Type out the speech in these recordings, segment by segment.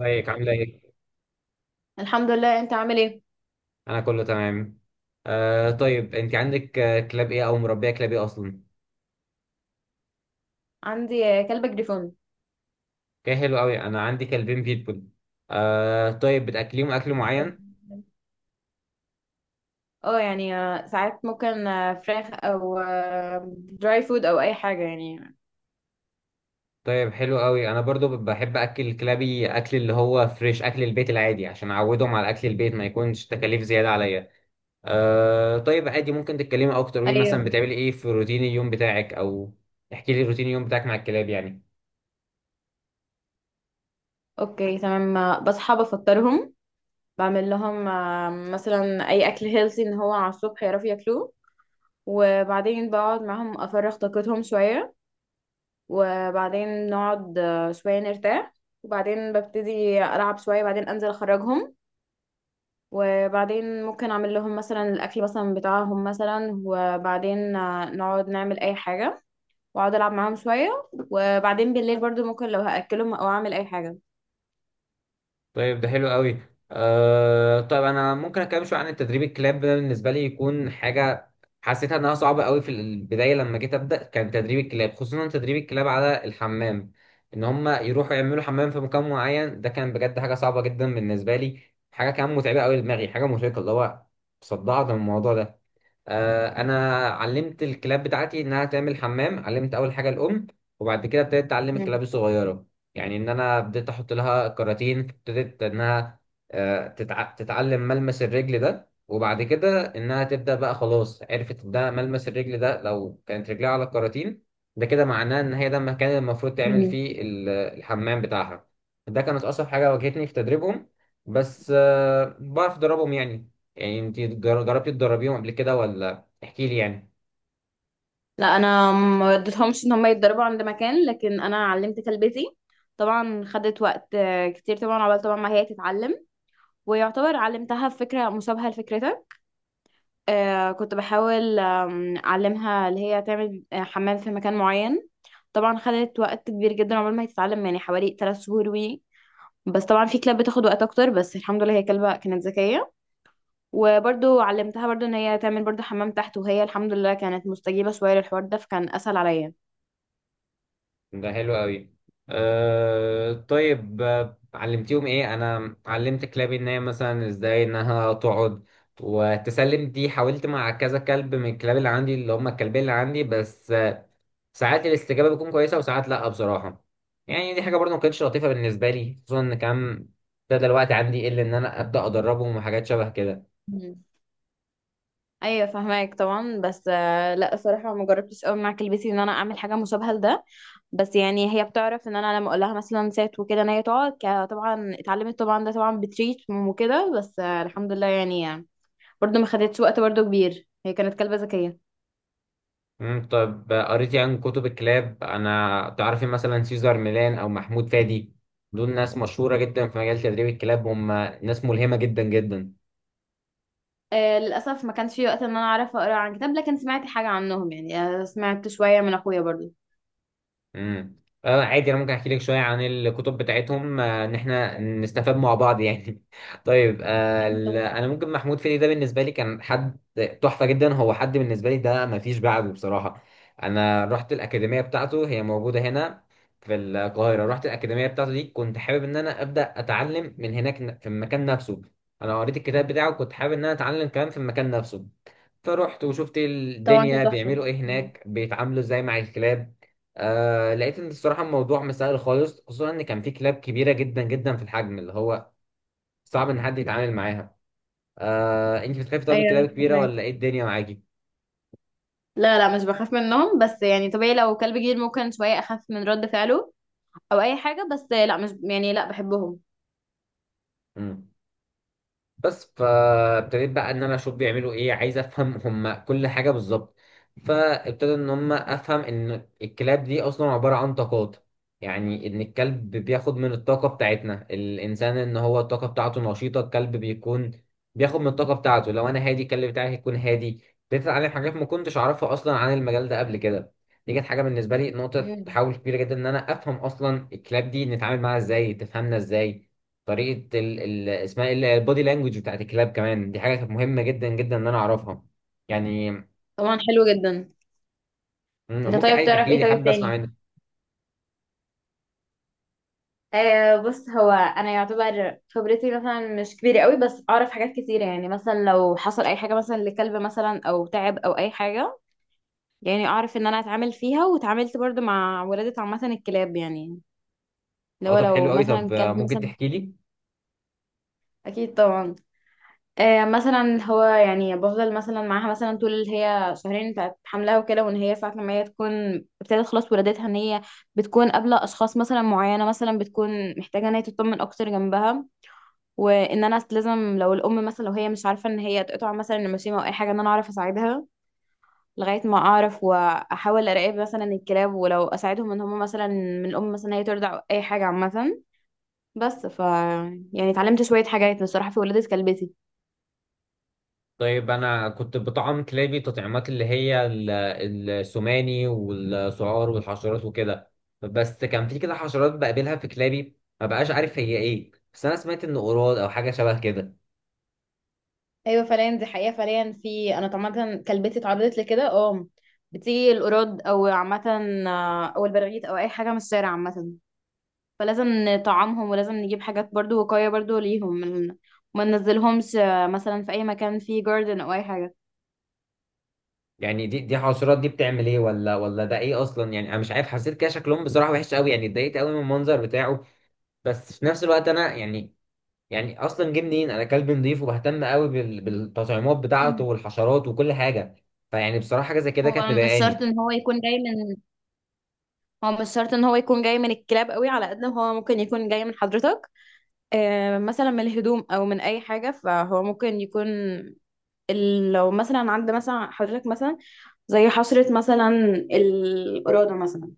ازيك عاملة ايه؟ الحمد لله. انت عامل ايه؟ أنا كله تمام. آه طيب أنت عندك كلاب ايه أو مربية كلاب ايه أصلا؟ عندي كلب جريفون. كده حلو أوي، أنا عندي كلبين بيتبول. آه طيب، بتأكليهم أكل معين؟ ساعات ممكن فراخ او دراي فود او اي حاجه يعني. طيب حلو أوي، أنا برضو بحب أكل كلابي أكل اللي هو فريش، أكل البيت العادي، عشان أعودهم على أكل البيت ما يكونش تكاليف زيادة عليا. آه طيب عادي، ممكن تتكلمي أكتر وإيه ايوه. مثلا بتعملي ايه في روتين اليوم بتاعك، أو احكي لي روتين اليوم بتاعك مع الكلاب يعني. اوكي تمام. بصحى بفطرهم، بعمل لهم مثلا اي اكل هيلثي ان هو على الصبح يعرفوا ياكلوه. وبعدين بقعد معاهم افرغ طاقتهم شويه، وبعدين نقعد شويه نرتاح، وبعدين ببتدي العب شويه، بعدين انزل اخرجهم. وبعدين ممكن اعمل لهم مثلا الاكل مثلا بتاعهم مثلا، وبعدين نقعد نعمل اي حاجه، واقعد العب معاهم شويه. وبعدين بالليل برضو ممكن لو هاكلهم او اعمل اي حاجه. طيب ده حلو قوي. آه طيب انا ممكن اتكلم شويه عن التدريب الكلاب، ده بالنسبه لي يكون حاجه حسيتها انها صعبه قوي في البدايه. لما جيت ابدا كان تدريب الكلاب، خصوصا تدريب الكلاب على الحمام، ان هم يروحوا يعملوا حمام في مكان معين، ده كان بجد حاجه صعبه جدا بالنسبه لي. حاجه كمان متعبه قوي لدماغي، حاجه مرهقه اللي هو صدعت من الموضوع ده. انا علمت الكلاب بتاعتي انها تعمل حمام، علمت اول حاجه الام، وبعد كده ابتديت اتعلم مم. الكلاب الصغيره. يعني ان انا بديت احط لها كراتين، ابتدت انها تتعلم ملمس الرجل ده، وبعد كده انها تبدا بقى خلاص عرفت ده ملمس الرجل ده. لو كانت رجلها على الكراتين ده كده معناه ان هي ده المكان اللي المفروض تعمل مم. فيه الحمام بتاعها. ده كانت اصعب حاجه واجهتني في تدريبهم، بس بعرف ادربهم يعني. يعني انت جربتي تدربيهم قبل كده ولا، احكي لي يعني. لا، انا ما اديتهمش ان هم يتدربوا عند مكان، لكن انا علمت كلبتي. طبعا خدت وقت كتير طبعا عقبال طبعا ما هي تتعلم، ويعتبر علمتها فكره مشابهه لفكرتك. آه، كنت بحاول أعلمها اللي هي تعمل حمام في مكان معين. طبعا خدت وقت كبير جدا عقبال ما هي تتعلم، يعني حوالي 3 شهور بس طبعا في كلاب بتاخد وقت أكتر، بس الحمد لله هي كلبة كانت ذكية. وبرضو علمتها برضو إن هي تعمل برضو حمام تحت، وهي الحمد لله كانت مستجيبة شوية للحوار ده، فكان أسهل عليا. ده حلو قوي. أه طيب، علمتيهم ايه؟ انا علمت كلابي ان هي مثلا ازاي انها تقعد وتسلم، دي حاولت مع كذا كلب من الكلاب اللي عندي اللي هم الكلبين اللي عندي، بس ساعات الاستجابة بتكون كويسة وساعات لا بصراحة. يعني دي حاجة برضه ما كانتش لطيفة بالنسبة لي، خصوصا ان كان ابتدى الوقت عندي يقل ان انا ابدا ادربهم وحاجات شبه كده. ايوه فهماك طبعا. بس لا، الصراحه ما جربتش قوي مع كلبتي ان انا اعمل حاجه مشابهه لده. بس يعني هي بتعرف ان انا لما اقول لها مثلا سات وكده ان هي تقعد. طبعا اتعلمت طبعا ده، طبعا بتريت وكده، بس الحمد لله يعني. برضو ما خدتش وقت برضو كبير، هي كانت كلبه ذكيه. مم، طب قريتي عن كتب الكلاب؟ انا تعرفي مثلا سيزار ميلان او محمود فادي؟ دول ناس مشهورة جدا في مجال تدريب الكلاب، هم ناس ملهمة جدا جدا. للاسف ما كانش في وقت ان انا اعرف اقرا عن كتاب، لكن سمعت حاجه عنهم يعني. سمعت شويه من اخويا برضو. امم، اه عادي، انا ممكن احكي لك شويه عن الكتب بتاعتهم، ان احنا نستفاد مع بعض يعني طيب، انا ممكن محمود فيدي ده بالنسبه لي كان حد تحفه جدا، هو حد بالنسبه لي ده ما فيش بعده بصراحه. انا رحت الاكاديميه بتاعته، هي موجوده هنا في القاهره. أكيد رحت الاكاديميه بتاعته دي، كنت حابب ان انا ابدا اتعلم من هناك في المكان نفسه. انا قريت الكتاب بتاعه، كنت حابب ان انا اتعلم كمان في المكان نفسه. فرحت وشفت طبعا. طبعاً الدنيا كانت تحفه. بيعملوا ايه مم. هناك، بيتعاملوا ازاي مع الكلاب. آه لقيت ان الصراحه الموضوع مسائل خالص، خصوصا ان كان في كلاب كبيره جدا جدا في الحجم اللي هو صعب ان حد يتعامل معاها. آه انت بتخافي طب من الكلاب ايوه الكبيره فهماك. ولا ايه الدنيا معاكي؟ لا، لا مش بخاف منهم، بس يعني طبيعي لو كلب جديد ممكن شوية أخاف من رد فعله أو أي حاجة. بس لا، مش يعني، لا بحبهم. بس فابتديت بقى ان انا اشوف بيعملوا ايه، عايز افهم هم كل حاجه بالظبط. فابتدى ان هم افهم ان الكلاب دي اصلا عباره عن طاقات، يعني ان الكلب بياخد من الطاقه بتاعتنا الانسان، ان هو الطاقه بتاعته نشيطه الكلب بيكون بياخد من الطاقه بتاعته، لو انا هادي الكلب بتاعي هيكون هادي. ابتديت اتعلم حاجات ما كنتش اعرفها اصلا عن المجال ده قبل كده. دي كانت حاجه بالنسبه لي نقطه مم. تحول كبيره جدا، ان انا افهم اصلا الكلاب دي نتعامل معاها ازاي، تفهمنا ازاي. طريقه اسمها ايه البودي لانجوج بتاعت الكلاب، كمان دي حاجه كانت مهمه جدا جدا ان انا اعرفها يعني. طبعا حلو جدا. مم، انت ممكن طيب عادي تعرف تحكي ايه لي، طيب حابب اسمع تاني؟ منك. بص هو انا يعتبر خبرتي مثلا مش كبيره قوي، بس اعرف حاجات كتيره. يعني مثلا لو حصل اي حاجه مثلا لكلب مثلا او تعب او اي حاجه، يعني اعرف ان انا اتعامل فيها، واتعاملت برضو مع ولاده عامه الكلاب يعني اه لو طب حلو لو قوي، طب مثلا كلب ممكن مثلا. تحكي لي. اكيد طبعا. مثلا هو يعني بفضل مثلا معاها مثلا طول اللي هي 2 شهور بتاعت حملها وكده، وان هي ساعة لما هي تكون ابتدت خلاص ولادتها ان هي بتكون قابلة اشخاص مثلا معينة، مثلا بتكون محتاجة ان هي تطمن اكتر جنبها. وان انا لازم لو الام مثلا لو هي مش عارفة ان هي تقطع مثلا النماسيمة او اي حاجة، ان انا اعرف اساعدها لغاية ما اعرف، واحاول اراقب مثلا الكلاب، ولو اساعدهم ان هم مثلا من الام مثلا هي ترضع أو اي حاجة عامة. بس ف، يعني اتعلمت شوية حاجات بصراحة في ولادة كلبتي. طيب انا كنت بطعم كلابي تطعيمات اللي هي السوماني والسعار والحشرات وكده. بس كان في كده حشرات بقابلها في كلابي، ما بقاش عارف هي ايه، بس انا سمعت ان قراد او حاجه شبه كده. ايوه فعليا، دي حقيقه فعليا. في، انا طبعا كلبتي اتعرضت لكده. اه، بتيجي القراد او عامه، او البراغيث او اي حاجه من الشارع عامه. فلازم نطعمهم، ولازم نجيب حاجات برضو وقايه برضو ليهم، من- ما ننزلهمش مثلا في اي مكان فيه جاردن او اي حاجه. يعني دي حشرات دي بتعمل ايه ولا، ده ايه اصلا يعني؟ انا مش عارف، حسيت كده شكلهم بصراحه وحش قوي، يعني اتضايقت قوي من المنظر بتاعه. بس في نفس الوقت انا يعني، يعني اصلا جه منين؟ انا كلبي نضيف وبهتم قوي بالتطعيمات بتاعته والحشرات وكل حاجه. فيعني بصراحه حاجه زي كده كانت هو مش شرط مضايقاني. ان هو يكون جاي من هو مش شرط ان هو يكون جاي من الكلاب قوي، على قد ما هو ممكن يكون جاي من حضرتك. مثلا من الهدوم او من اي حاجه. فهو ممكن يكون ال- لو مثلا عند مثلا حضرتك مثلا، زي حصرة مثلا، الإرادة مثلا،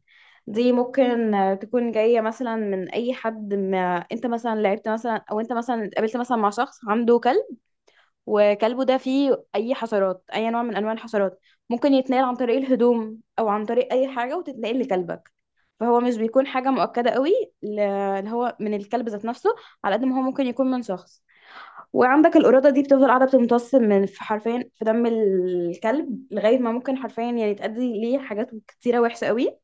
دي ممكن تكون جاية مثلا من أي حد، ما أنت مثلا لعبت مثلا أو أنت مثلا اتقابلت مثلا مع شخص عنده كلب، وكلبه ده فيه أي حشرات، أي نوع من أنواع الحشرات ممكن يتنقل عن طريق الهدوم أو عن طريق أي حاجة، وتتنقل لكلبك. فهو مش بيكون حاجة مؤكدة قوي ل- اللي هو من الكلب ذات نفسه، على قد ما هو ممكن يكون من شخص. وعندك القرادة دي بتفضل قاعدة بتمتص من، في حرفيا في دم الكلب، لغاية ما ممكن حرفيا يعني تأدي ليه حاجات كتيرة وحشة قوي.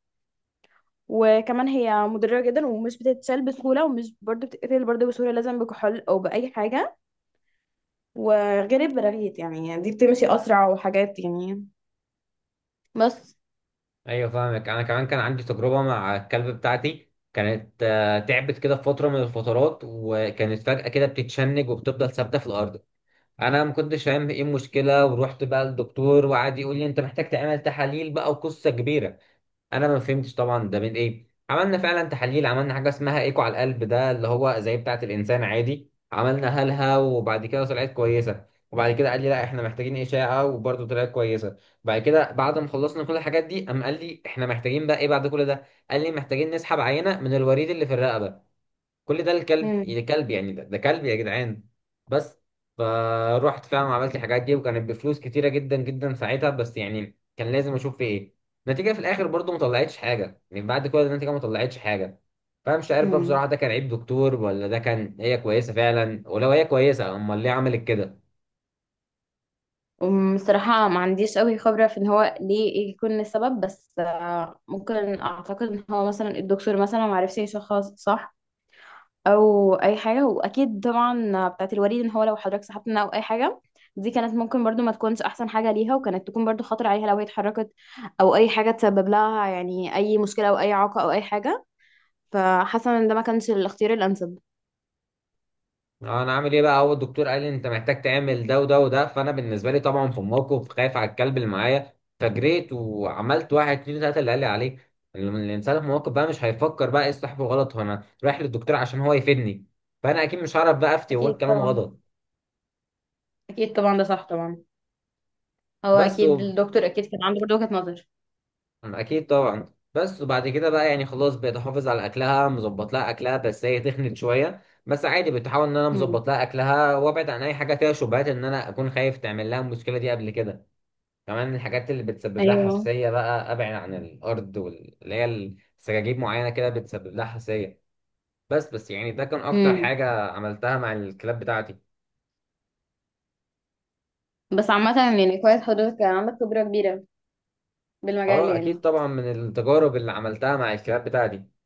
وكمان هي مضرة جدا، ومش بتتشال بسهولة، ومش برضه بتتقتل برضه بسهولة، لازم بكحول أو بأي حاجة. وغير البراغيث يعني، يعني دي بتمشي أسرع وحاجات يعني. بس. ايوه فاهمك، انا كمان كان عندي تجربه مع الكلب بتاعتي، كانت تعبت كده في فتره من الفترات، وكانت فجاه كده بتتشنج وبتفضل ثابته في الارض. انا ما كنتش فاهم ايه المشكله، ورحت بقى للدكتور وقعد يقول لي انت محتاج تعمل تحاليل بقى وقصه كبيره. انا ما فهمتش طبعا ده من ايه، عملنا فعلا تحاليل، عملنا حاجه اسمها ايكو على القلب ده اللي هو زي بتاعه الانسان عادي، عملنا هلها وبعد كده طلعت كويسه. وبعد كده قال لي لا احنا محتاجين اشعه، وبرده طلعت كويسه. بعد كده بعد ما خلصنا كل الحاجات دي قام قال لي احنا محتاجين بقى ايه بعد كل ده؟ قال لي محتاجين نسحب عينه من الوريد اللي في الرقبه. كل ده الكلب مم. يا كلب يعني، ده كلب يا جدعان. بس فروحت فعلا عملت الحاجات دي، وكانت بفلوس كتيرة جدا جدا ساعتها، بس يعني كان لازم اشوف في ايه. النتيجة في الاخر برضو ما طلعتش حاجة، يعني بعد كل ده النتيجة ما طلعتش حاجة. فمش عارف بقى مم. بصراحة ده كان عيب دكتور، ولا ده كان هي كويسة فعلا، ولو هي كويسة امال ليه عملت كده؟ الصراحة ما عنديش قوي خبرة في ان هو ليه يكون السبب، بس ممكن اعتقد ان هو مثلا الدكتور مثلا ما عرفش يشخص صح او اي حاجه. واكيد طبعا بتاعت الوريد ان هو لو حضرتك سحبتنا او اي حاجه، دي كانت ممكن برضو ما تكونش احسن حاجه ليها، وكانت تكون برضو خطر عليها لو هي اتحركت او اي حاجه، تسبب لها يعني اي مشكله او اي اعاقه او اي حاجه. فحاسه ان ده ما كانش الاختيار الانسب. اه انا عامل ايه بقى، هو الدكتور قال لي انت محتاج تعمل ده وده وده، فانا بالنسبه لي طبعا في الموقف خايف على الكلب اللي معايا. فجريت وعملت واحد اتنين تلاته اللي قال لي عليه. الانسان في الموقف بقى مش هيفكر بقى ايه الصح والغلط، هو انا رايح للدكتور عشان هو يفيدني، فانا اكيد مش هعرف بقى افتي واقول أكيد كلام طبعا. غلط. أكيد طبعا، ده صح طبعا. هو بس و... أكيد الدكتور أكيد كان عنده برضه وجهة نظر. اكيد طبعا. بس وبعد كده بقى يعني خلاص بقيت احافظ على اكلها، مظبط لها اكلها، بس هي تخنت شويه. بس عادي بتحاول ان انا امم. مظبط لها اكلها وابعد عن اي حاجه فيها شبهات ان انا اكون خايف تعمل لها المشكله دي قبل كده. كمان الحاجات اللي بتسبب لها أيوه. حساسية بقى أبعد عن الأرض اللي هي السجاجيب معينة كده بتسبب لها حساسية. بس يعني ده كان أكتر امم. حاجة عملتها مع الكلاب بتاعتي. بس عامة يعني كويس حضرتك كان عندك خبرة كبيرة بالمجال أه أكيد يعني. طبعا من التجارب اللي عملتها مع الكلاب بتاعتي